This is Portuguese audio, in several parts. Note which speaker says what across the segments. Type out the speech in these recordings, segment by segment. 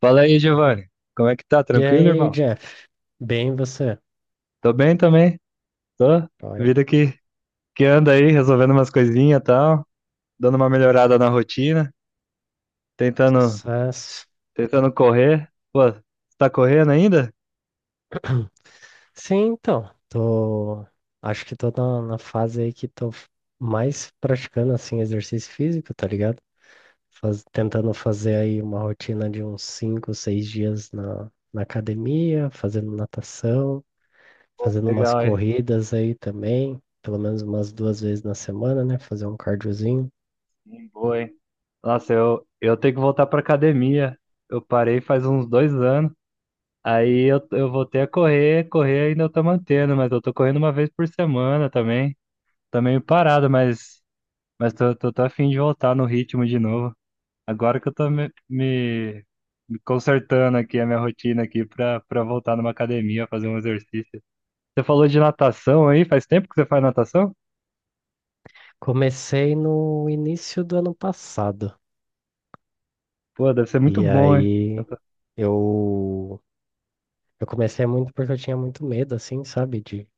Speaker 1: Fala aí, Giovanni. Como é que tá?
Speaker 2: E
Speaker 1: Tranquilo,
Speaker 2: aí,
Speaker 1: irmão?
Speaker 2: Jeff? Bem, você?
Speaker 1: Tô bem também. Tô.
Speaker 2: Olha,
Speaker 1: Vida que anda aí, resolvendo umas coisinhas e tal, dando uma melhorada na rotina, tentando,
Speaker 2: sucesso.
Speaker 1: tentando correr. Pô, você tá correndo ainda?
Speaker 2: Sim, então, tô. Acho que tô na fase aí que mais praticando, assim, exercício físico, tá ligado? Tentando fazer aí uma rotina de uns 5, 6 dias na academia, fazendo natação, fazendo umas
Speaker 1: Legal, hein?
Speaker 2: corridas aí também, pelo menos umas 2 vezes na semana, né? Fazer um cardiozinho.
Speaker 1: Sim, boa, hein? Nossa, eu tenho que voltar pra academia. Eu parei faz uns 2 anos. Aí eu voltei a correr, correr ainda eu tô mantendo, mas eu tô correndo uma vez por semana também. Tá meio parado, mas tô a fim de voltar no ritmo de novo. Agora que eu tô me consertando aqui a minha rotina aqui pra voltar numa academia, fazer um exercício. Você falou de natação aí, faz tempo que você faz natação?
Speaker 2: Comecei no início do ano passado.
Speaker 1: Pô, deve ser muito
Speaker 2: E
Speaker 1: bom, hein?
Speaker 2: aí.
Speaker 1: Nata-
Speaker 2: Eu, eu comecei muito porque eu tinha muito medo, assim, sabe,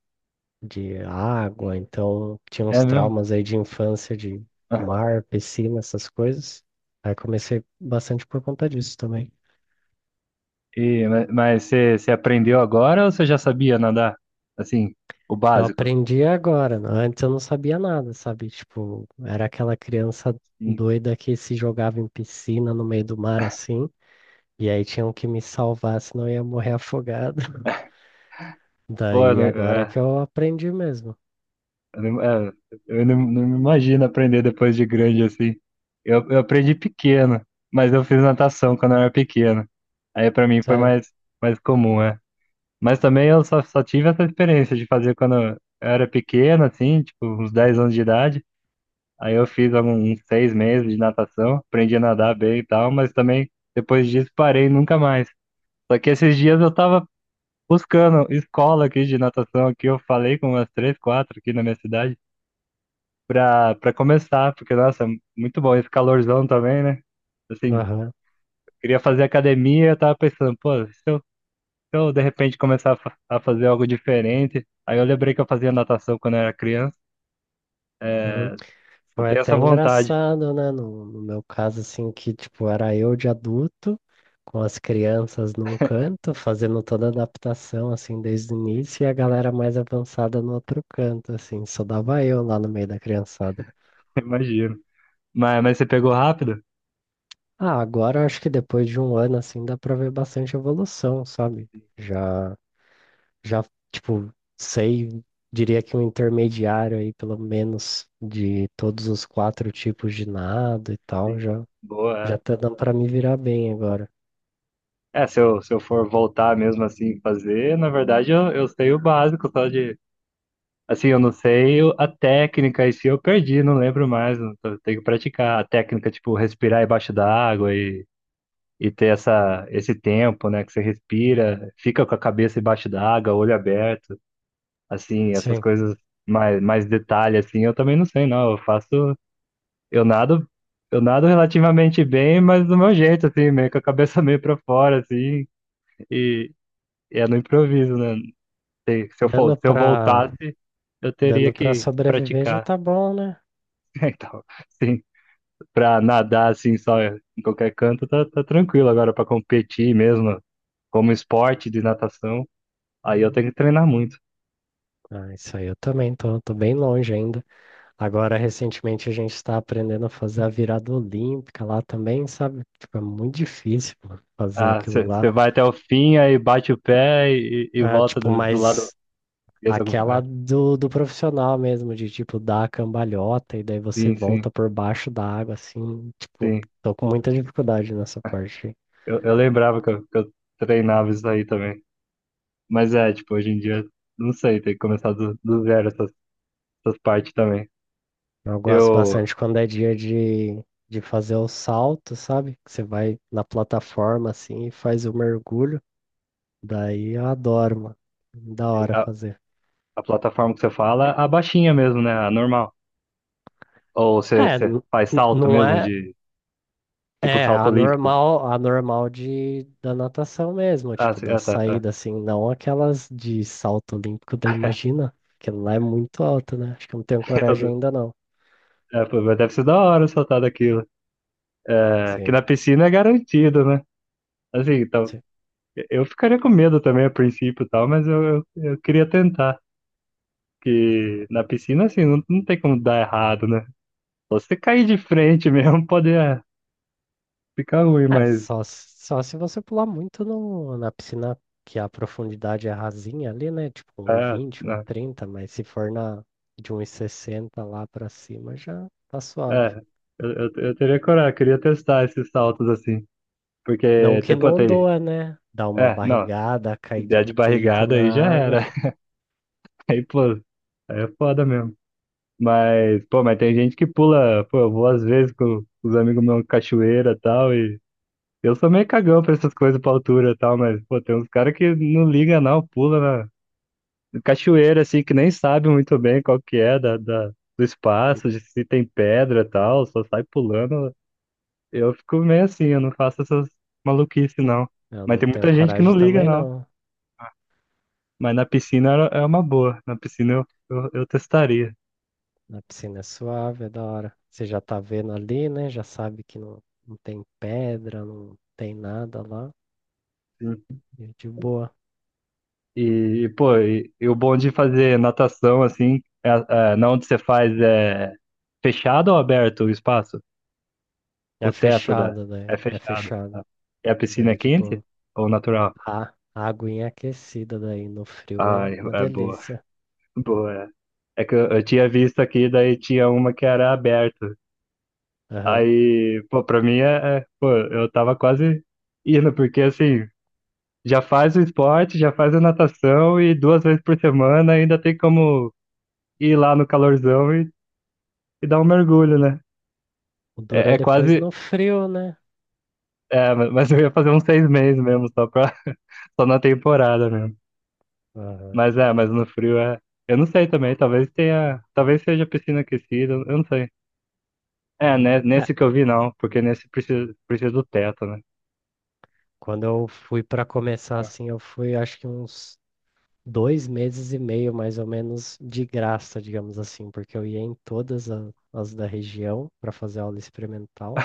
Speaker 2: de água. Então, tinha
Speaker 1: É
Speaker 2: uns
Speaker 1: mesmo?
Speaker 2: traumas aí de infância, de
Speaker 1: Ah,
Speaker 2: mar, piscina, essas coisas. Aí, comecei bastante por conta disso também.
Speaker 1: e mas você aprendeu agora ou você já sabia nadar? Assim, o
Speaker 2: Eu
Speaker 1: básico?
Speaker 2: aprendi agora, né? Antes eu não sabia nada, sabe? Tipo, era aquela criança
Speaker 1: Sim.
Speaker 2: doida que se jogava em piscina no meio do mar assim, e aí tinham que me salvar, senão eu ia morrer afogado.
Speaker 1: Pô, eu
Speaker 2: Daí
Speaker 1: não,
Speaker 2: agora
Speaker 1: é,
Speaker 2: que eu aprendi mesmo,
Speaker 1: eu não, é, eu não, não me imagino aprender depois de grande assim. Eu aprendi pequeno, mas eu fiz natação quando eu era pequeno. Aí pra mim foi
Speaker 2: sério.
Speaker 1: mais comum, é. Mas também eu só tive essa experiência de fazer quando eu era pequeno, assim, tipo, uns 10 anos de idade. Aí eu fiz uns 6 meses de natação, aprendi a nadar bem e tal, mas também depois disso parei nunca mais. Só que esses dias eu tava buscando escola aqui de natação, aqui eu falei com umas três, quatro aqui na minha cidade, pra começar, porque, nossa, muito bom esse calorzão também, né? Assim,
Speaker 2: Aham.
Speaker 1: queria fazer academia, eu tava pensando, pô, se eu de repente começar a fazer algo diferente. Aí eu lembrei que eu fazia natação quando eu era criança. Eu
Speaker 2: Foi
Speaker 1: tenho
Speaker 2: até
Speaker 1: essa vontade,
Speaker 2: engraçado, né? No meu caso, assim, que, tipo, era eu de adulto, com as crianças num canto, fazendo toda a adaptação, assim, desde o início, e a galera mais avançada no outro canto, assim, só dava eu lá no meio da criançada.
Speaker 1: imagino. Mas você pegou rápido?
Speaker 2: Ah, agora eu acho que depois de um ano, assim, dá pra ver bastante evolução, sabe? Já, já, tipo, sei, Diria que um intermediário aí, pelo menos, de todos os 4 tipos de nado e tal,
Speaker 1: Sim.
Speaker 2: já.
Speaker 1: Boa.
Speaker 2: Já tá dando pra me virar bem agora.
Speaker 1: É, se eu for voltar mesmo assim fazer, na verdade eu sei o básico, só de. Assim, eu não sei a técnica, e se eu perdi, não lembro mais. Tenho que praticar a técnica, tipo, respirar embaixo da água e ter essa, esse tempo, né, que você respira, fica com a cabeça embaixo da água, olho aberto. Assim, essas
Speaker 2: Sim.
Speaker 1: coisas mais detalhe, assim, eu também não sei, não. Eu nado, eu nado relativamente bem, mas do meu jeito, assim, meio com a cabeça meio pra fora, assim, e, e é no improviso, né? Se, se eu for,
Speaker 2: Dando
Speaker 1: se eu
Speaker 2: pra,
Speaker 1: voltasse, eu teria
Speaker 2: Dando pra
Speaker 1: que
Speaker 2: sobreviver já
Speaker 1: praticar.
Speaker 2: tá bom, né?
Speaker 1: Então, sim, pra nadar, assim, só em qualquer canto, tá tranquilo. Agora, pra competir mesmo, como esporte de natação, aí eu tenho que treinar muito.
Speaker 2: Ah, isso aí eu também tô bem longe ainda. Agora, recentemente, a gente está aprendendo a fazer a virada olímpica lá também, sabe? Tipo, é muito difícil, mano, fazer
Speaker 1: Ah,
Speaker 2: aquilo
Speaker 1: você
Speaker 2: lá.
Speaker 1: vai até o fim, aí bate o pé e
Speaker 2: Ah,
Speaker 1: volta
Speaker 2: tipo,
Speaker 1: do lado
Speaker 2: mas
Speaker 1: avesso.
Speaker 2: aquela
Speaker 1: Ah,
Speaker 2: do profissional mesmo, de tipo, dar a cambalhota e daí você
Speaker 1: sim, sim,
Speaker 2: volta por baixo da água, assim. Tipo,
Speaker 1: sim.
Speaker 2: tô com muita dificuldade nessa parte.
Speaker 1: Eu lembrava que eu treinava isso aí também. Mas é, tipo, hoje em dia, não sei, tem que começar do zero essas partes também.
Speaker 2: Eu gosto
Speaker 1: Eu,
Speaker 2: bastante quando é dia de fazer o salto, sabe? Que você vai na plataforma assim e faz o mergulho. Daí eu adoro, mano. Da hora
Speaker 1: a,
Speaker 2: fazer.
Speaker 1: a plataforma que você fala, a baixinha mesmo, né? A normal. Ou você,
Speaker 2: É,
Speaker 1: você
Speaker 2: n-
Speaker 1: faz salto
Speaker 2: não
Speaker 1: mesmo,
Speaker 2: é.
Speaker 1: de tipo
Speaker 2: É,
Speaker 1: salto olímpico.
Speaker 2: a normal da natação mesmo,
Speaker 1: Ah,
Speaker 2: tipo,
Speaker 1: sim,
Speaker 2: da
Speaker 1: ah, tá, tá.
Speaker 2: saída, assim, não aquelas de salto olímpico, daí imagina, que lá é muito alto, né? Acho que eu não tenho coragem ainda não.
Speaker 1: Então, é, pô, mas deve ser da hora saltar daquilo. É, que
Speaker 2: Sim.
Speaker 1: na piscina é garantido, né? Assim, então, eu ficaria com medo também a princípio e tal, mas eu queria tentar. Porque na piscina, assim, não tem como dar errado, né? Só se você cair de frente mesmo, pode ficar ruim, mas.
Speaker 2: Só se você pular muito no, na piscina que a profundidade é rasinha ali, né? Tipo um e
Speaker 1: É,
Speaker 2: vinte, um e
Speaker 1: não,
Speaker 2: trinta, mas se for na de 1,60 lá pra cima já tá suave.
Speaker 1: é, eu teria coragem, eu queria testar esses saltos assim.
Speaker 2: Não
Speaker 1: Porque,
Speaker 2: que
Speaker 1: tipo,
Speaker 2: não
Speaker 1: até pô,
Speaker 2: doa, né? Dar uma
Speaker 1: é, não,
Speaker 2: barrigada,
Speaker 1: se
Speaker 2: cair de
Speaker 1: der de
Speaker 2: peito
Speaker 1: barrigada
Speaker 2: na
Speaker 1: aí já
Speaker 2: água.
Speaker 1: era. Aí, pô, aí é foda mesmo. Mas, pô, tem gente que pula, pô, eu vou às vezes com os amigos meus cachoeira e tal, e eu sou meio cagão pra essas coisas pra altura e tal, mas, pô, tem uns caras que não liga não, pula na cachoeira, assim, que nem sabe muito bem qual que é da, do espaço, de se tem pedra e tal, só sai pulando. Eu fico meio assim, eu não faço essas maluquices, não.
Speaker 2: Eu
Speaker 1: Mas
Speaker 2: não
Speaker 1: tem
Speaker 2: tenho
Speaker 1: muita gente que não
Speaker 2: coragem
Speaker 1: liga,
Speaker 2: também,
Speaker 1: não.
Speaker 2: não.
Speaker 1: Mas na piscina é uma boa, na piscina eu testaria.
Speaker 2: Na piscina é suave, é da hora. Você já tá vendo ali, né? Já sabe que não, não tem pedra, não tem nada lá.
Speaker 1: Sim.
Speaker 2: E é de boa.
Speaker 1: E, pô, o bom de fazer natação, assim, é, na onde você faz, é fechado ou aberto o espaço? O
Speaker 2: É
Speaker 1: teto da
Speaker 2: fechada,
Speaker 1: é
Speaker 2: daí. É
Speaker 1: fechado, tá?
Speaker 2: fechada.
Speaker 1: E a piscina
Speaker 2: Daí,
Speaker 1: é quente
Speaker 2: tipo,
Speaker 1: ou natural?
Speaker 2: a, a aguinha é aquecida daí no frio
Speaker 1: Ah,
Speaker 2: é uma
Speaker 1: é boa.
Speaker 2: delícia.
Speaker 1: Boa. É que eu tinha visto aqui, daí tinha uma que era aberta.
Speaker 2: Aham.
Speaker 1: Aí, pô, pra mim é, pô, eu tava quase indo, porque assim, já faz o esporte, já faz a natação e 2 vezes por semana ainda tem como ir lá no calorzão e dar um mergulho, né?
Speaker 2: O duro
Speaker 1: É,
Speaker 2: é
Speaker 1: é
Speaker 2: depois
Speaker 1: quase,
Speaker 2: no frio, né?
Speaker 1: é, mas eu ia fazer uns 6 meses mesmo, só na temporada mesmo.
Speaker 2: Aham.
Speaker 1: Mas é, mas no frio é. Eu não sei também, talvez tenha. Talvez seja piscina aquecida, eu não sei. É, né,
Speaker 2: É,
Speaker 1: nesse que eu vi não, porque nesse precisa do teto, né?
Speaker 2: quando eu fui pra começar assim, eu fui acho que uns 2 meses e meio, mais ou menos, de graça, digamos assim, porque eu ia em todas as da região pra fazer aula experimental,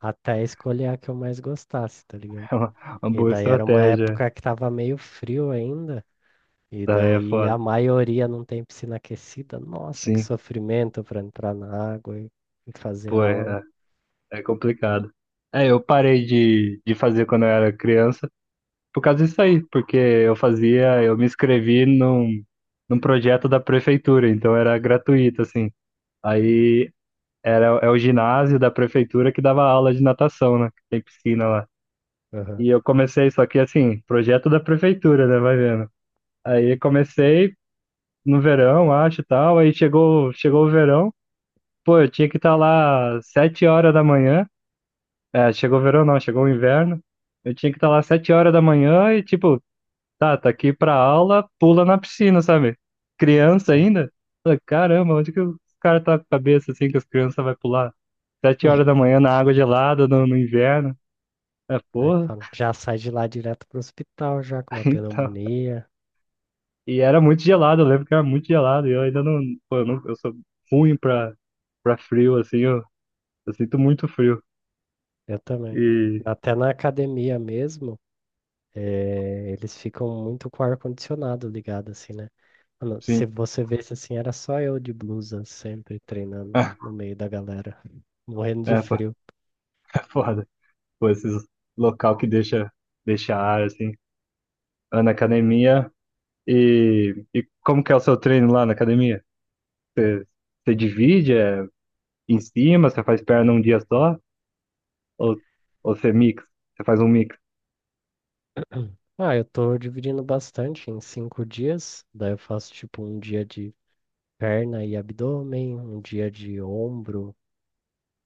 Speaker 2: até escolher a que eu mais gostasse, tá ligado?
Speaker 1: É uma
Speaker 2: E
Speaker 1: boa
Speaker 2: daí era uma
Speaker 1: estratégia.
Speaker 2: época que tava meio frio ainda. E
Speaker 1: Daí é
Speaker 2: daí
Speaker 1: foda.
Speaker 2: a maioria não tem piscina aquecida. Nossa, que
Speaker 1: Sim,
Speaker 2: sofrimento para entrar na água e fazer
Speaker 1: pô,
Speaker 2: aula.
Speaker 1: é complicado. É, eu parei de fazer quando eu era criança por causa disso aí, porque eu me inscrevi num projeto da prefeitura, então era gratuito, assim. Aí é o ginásio da prefeitura que dava aula de natação, né? Que tem piscina lá.
Speaker 2: Aham,
Speaker 1: E eu comecei, só que assim, projeto da prefeitura, né? Vai vendo. Aí comecei no verão, acho e tal. Aí chegou o verão. Pô, eu tinha que estar lá 7 horas da manhã. É, chegou o verão não, chegou o inverno. Eu tinha que estar lá sete horas da manhã e tipo, tá aqui pra aula, pula na piscina, sabe? Criança
Speaker 2: sim.
Speaker 1: ainda. Falei, caramba, onde que os caras tá com a cabeça assim que as crianças vai pular? Sete horas da manhã na água gelada, no inverno. É,
Speaker 2: Aí
Speaker 1: porra,
Speaker 2: fala, já sai de lá direto pro hospital, já com uma
Speaker 1: então.
Speaker 2: pneumonia.
Speaker 1: E era muito gelado, eu lembro que era muito gelado. E eu ainda não. Pô, eu, não, eu sou ruim pra, frio, assim, eu sinto muito frio.
Speaker 2: Eu também.
Speaker 1: E
Speaker 2: Até na academia mesmo, eles ficam muito com o ar-condicionado ligado, assim, né? Mano,
Speaker 1: sim,
Speaker 2: se você vesse assim, era só eu de blusa sempre treinando
Speaker 1: ah,
Speaker 2: lá no meio da galera, morrendo de
Speaker 1: pô,
Speaker 2: frio.
Speaker 1: é foda. Pô, esses local que deixa ar, assim. Ah, na academia. E como que é o seu treino lá na academia? Você, você divide em cima, você faz perna um dia só? Ou, ou você mix? Você faz um mix?
Speaker 2: Ah, eu tô dividindo bastante em 5 dias. Daí eu faço tipo um dia de perna e abdômen, um dia de ombro,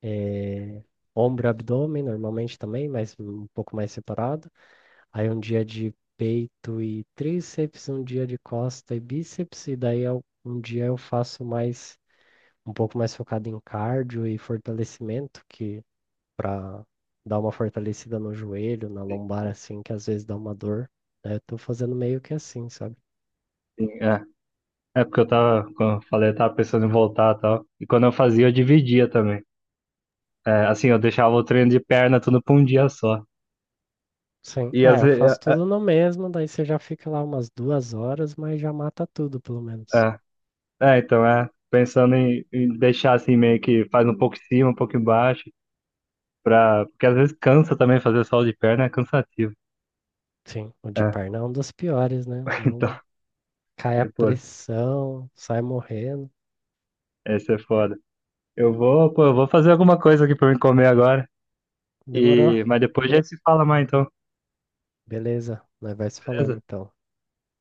Speaker 2: eh, ombro e abdômen normalmente também, mas um pouco mais separado. Aí um dia de peito e tríceps, um dia de costa e bíceps, e um dia eu faço mais um pouco mais focado em cardio e fortalecimento, que para dar uma fortalecida no joelho, na lombar assim, que às vezes dá uma dor, né? Eu tô fazendo meio que assim, sabe?
Speaker 1: Sim, é. É porque eu tava, como eu falei, eu tava pensando em voltar e tal. E quando eu fazia, eu dividia também. É, assim, eu deixava o treino de perna tudo pra um dia só.
Speaker 2: Sim.
Speaker 1: E às
Speaker 2: Ah, eu
Speaker 1: vezes.
Speaker 2: faço tudo no mesmo, daí você já fica lá umas 2 horas, mas já mata tudo, pelo
Speaker 1: É,
Speaker 2: menos.
Speaker 1: é, é, então, é. Pensando em deixar assim, meio que faz um pouco em cima, um pouco embaixo. Porque às vezes cansa também fazer solo de perna, é cansativo.
Speaker 2: Sim, o de
Speaker 1: É,
Speaker 2: perna é um dos piores, né? Dá
Speaker 1: então,
Speaker 2: um... Cai a
Speaker 1: depois.
Speaker 2: pressão, sai morrendo.
Speaker 1: Esse é foda. Eu vou, pô, eu vou fazer alguma coisa aqui pra me comer agora.
Speaker 2: Demorou?
Speaker 1: Mas depois a gente se fala mais, então,
Speaker 2: Beleza, nós vai se falando
Speaker 1: beleza?
Speaker 2: então.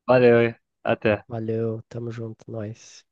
Speaker 1: Valeu, hein? Até.
Speaker 2: Valeu, tamo junto, nós.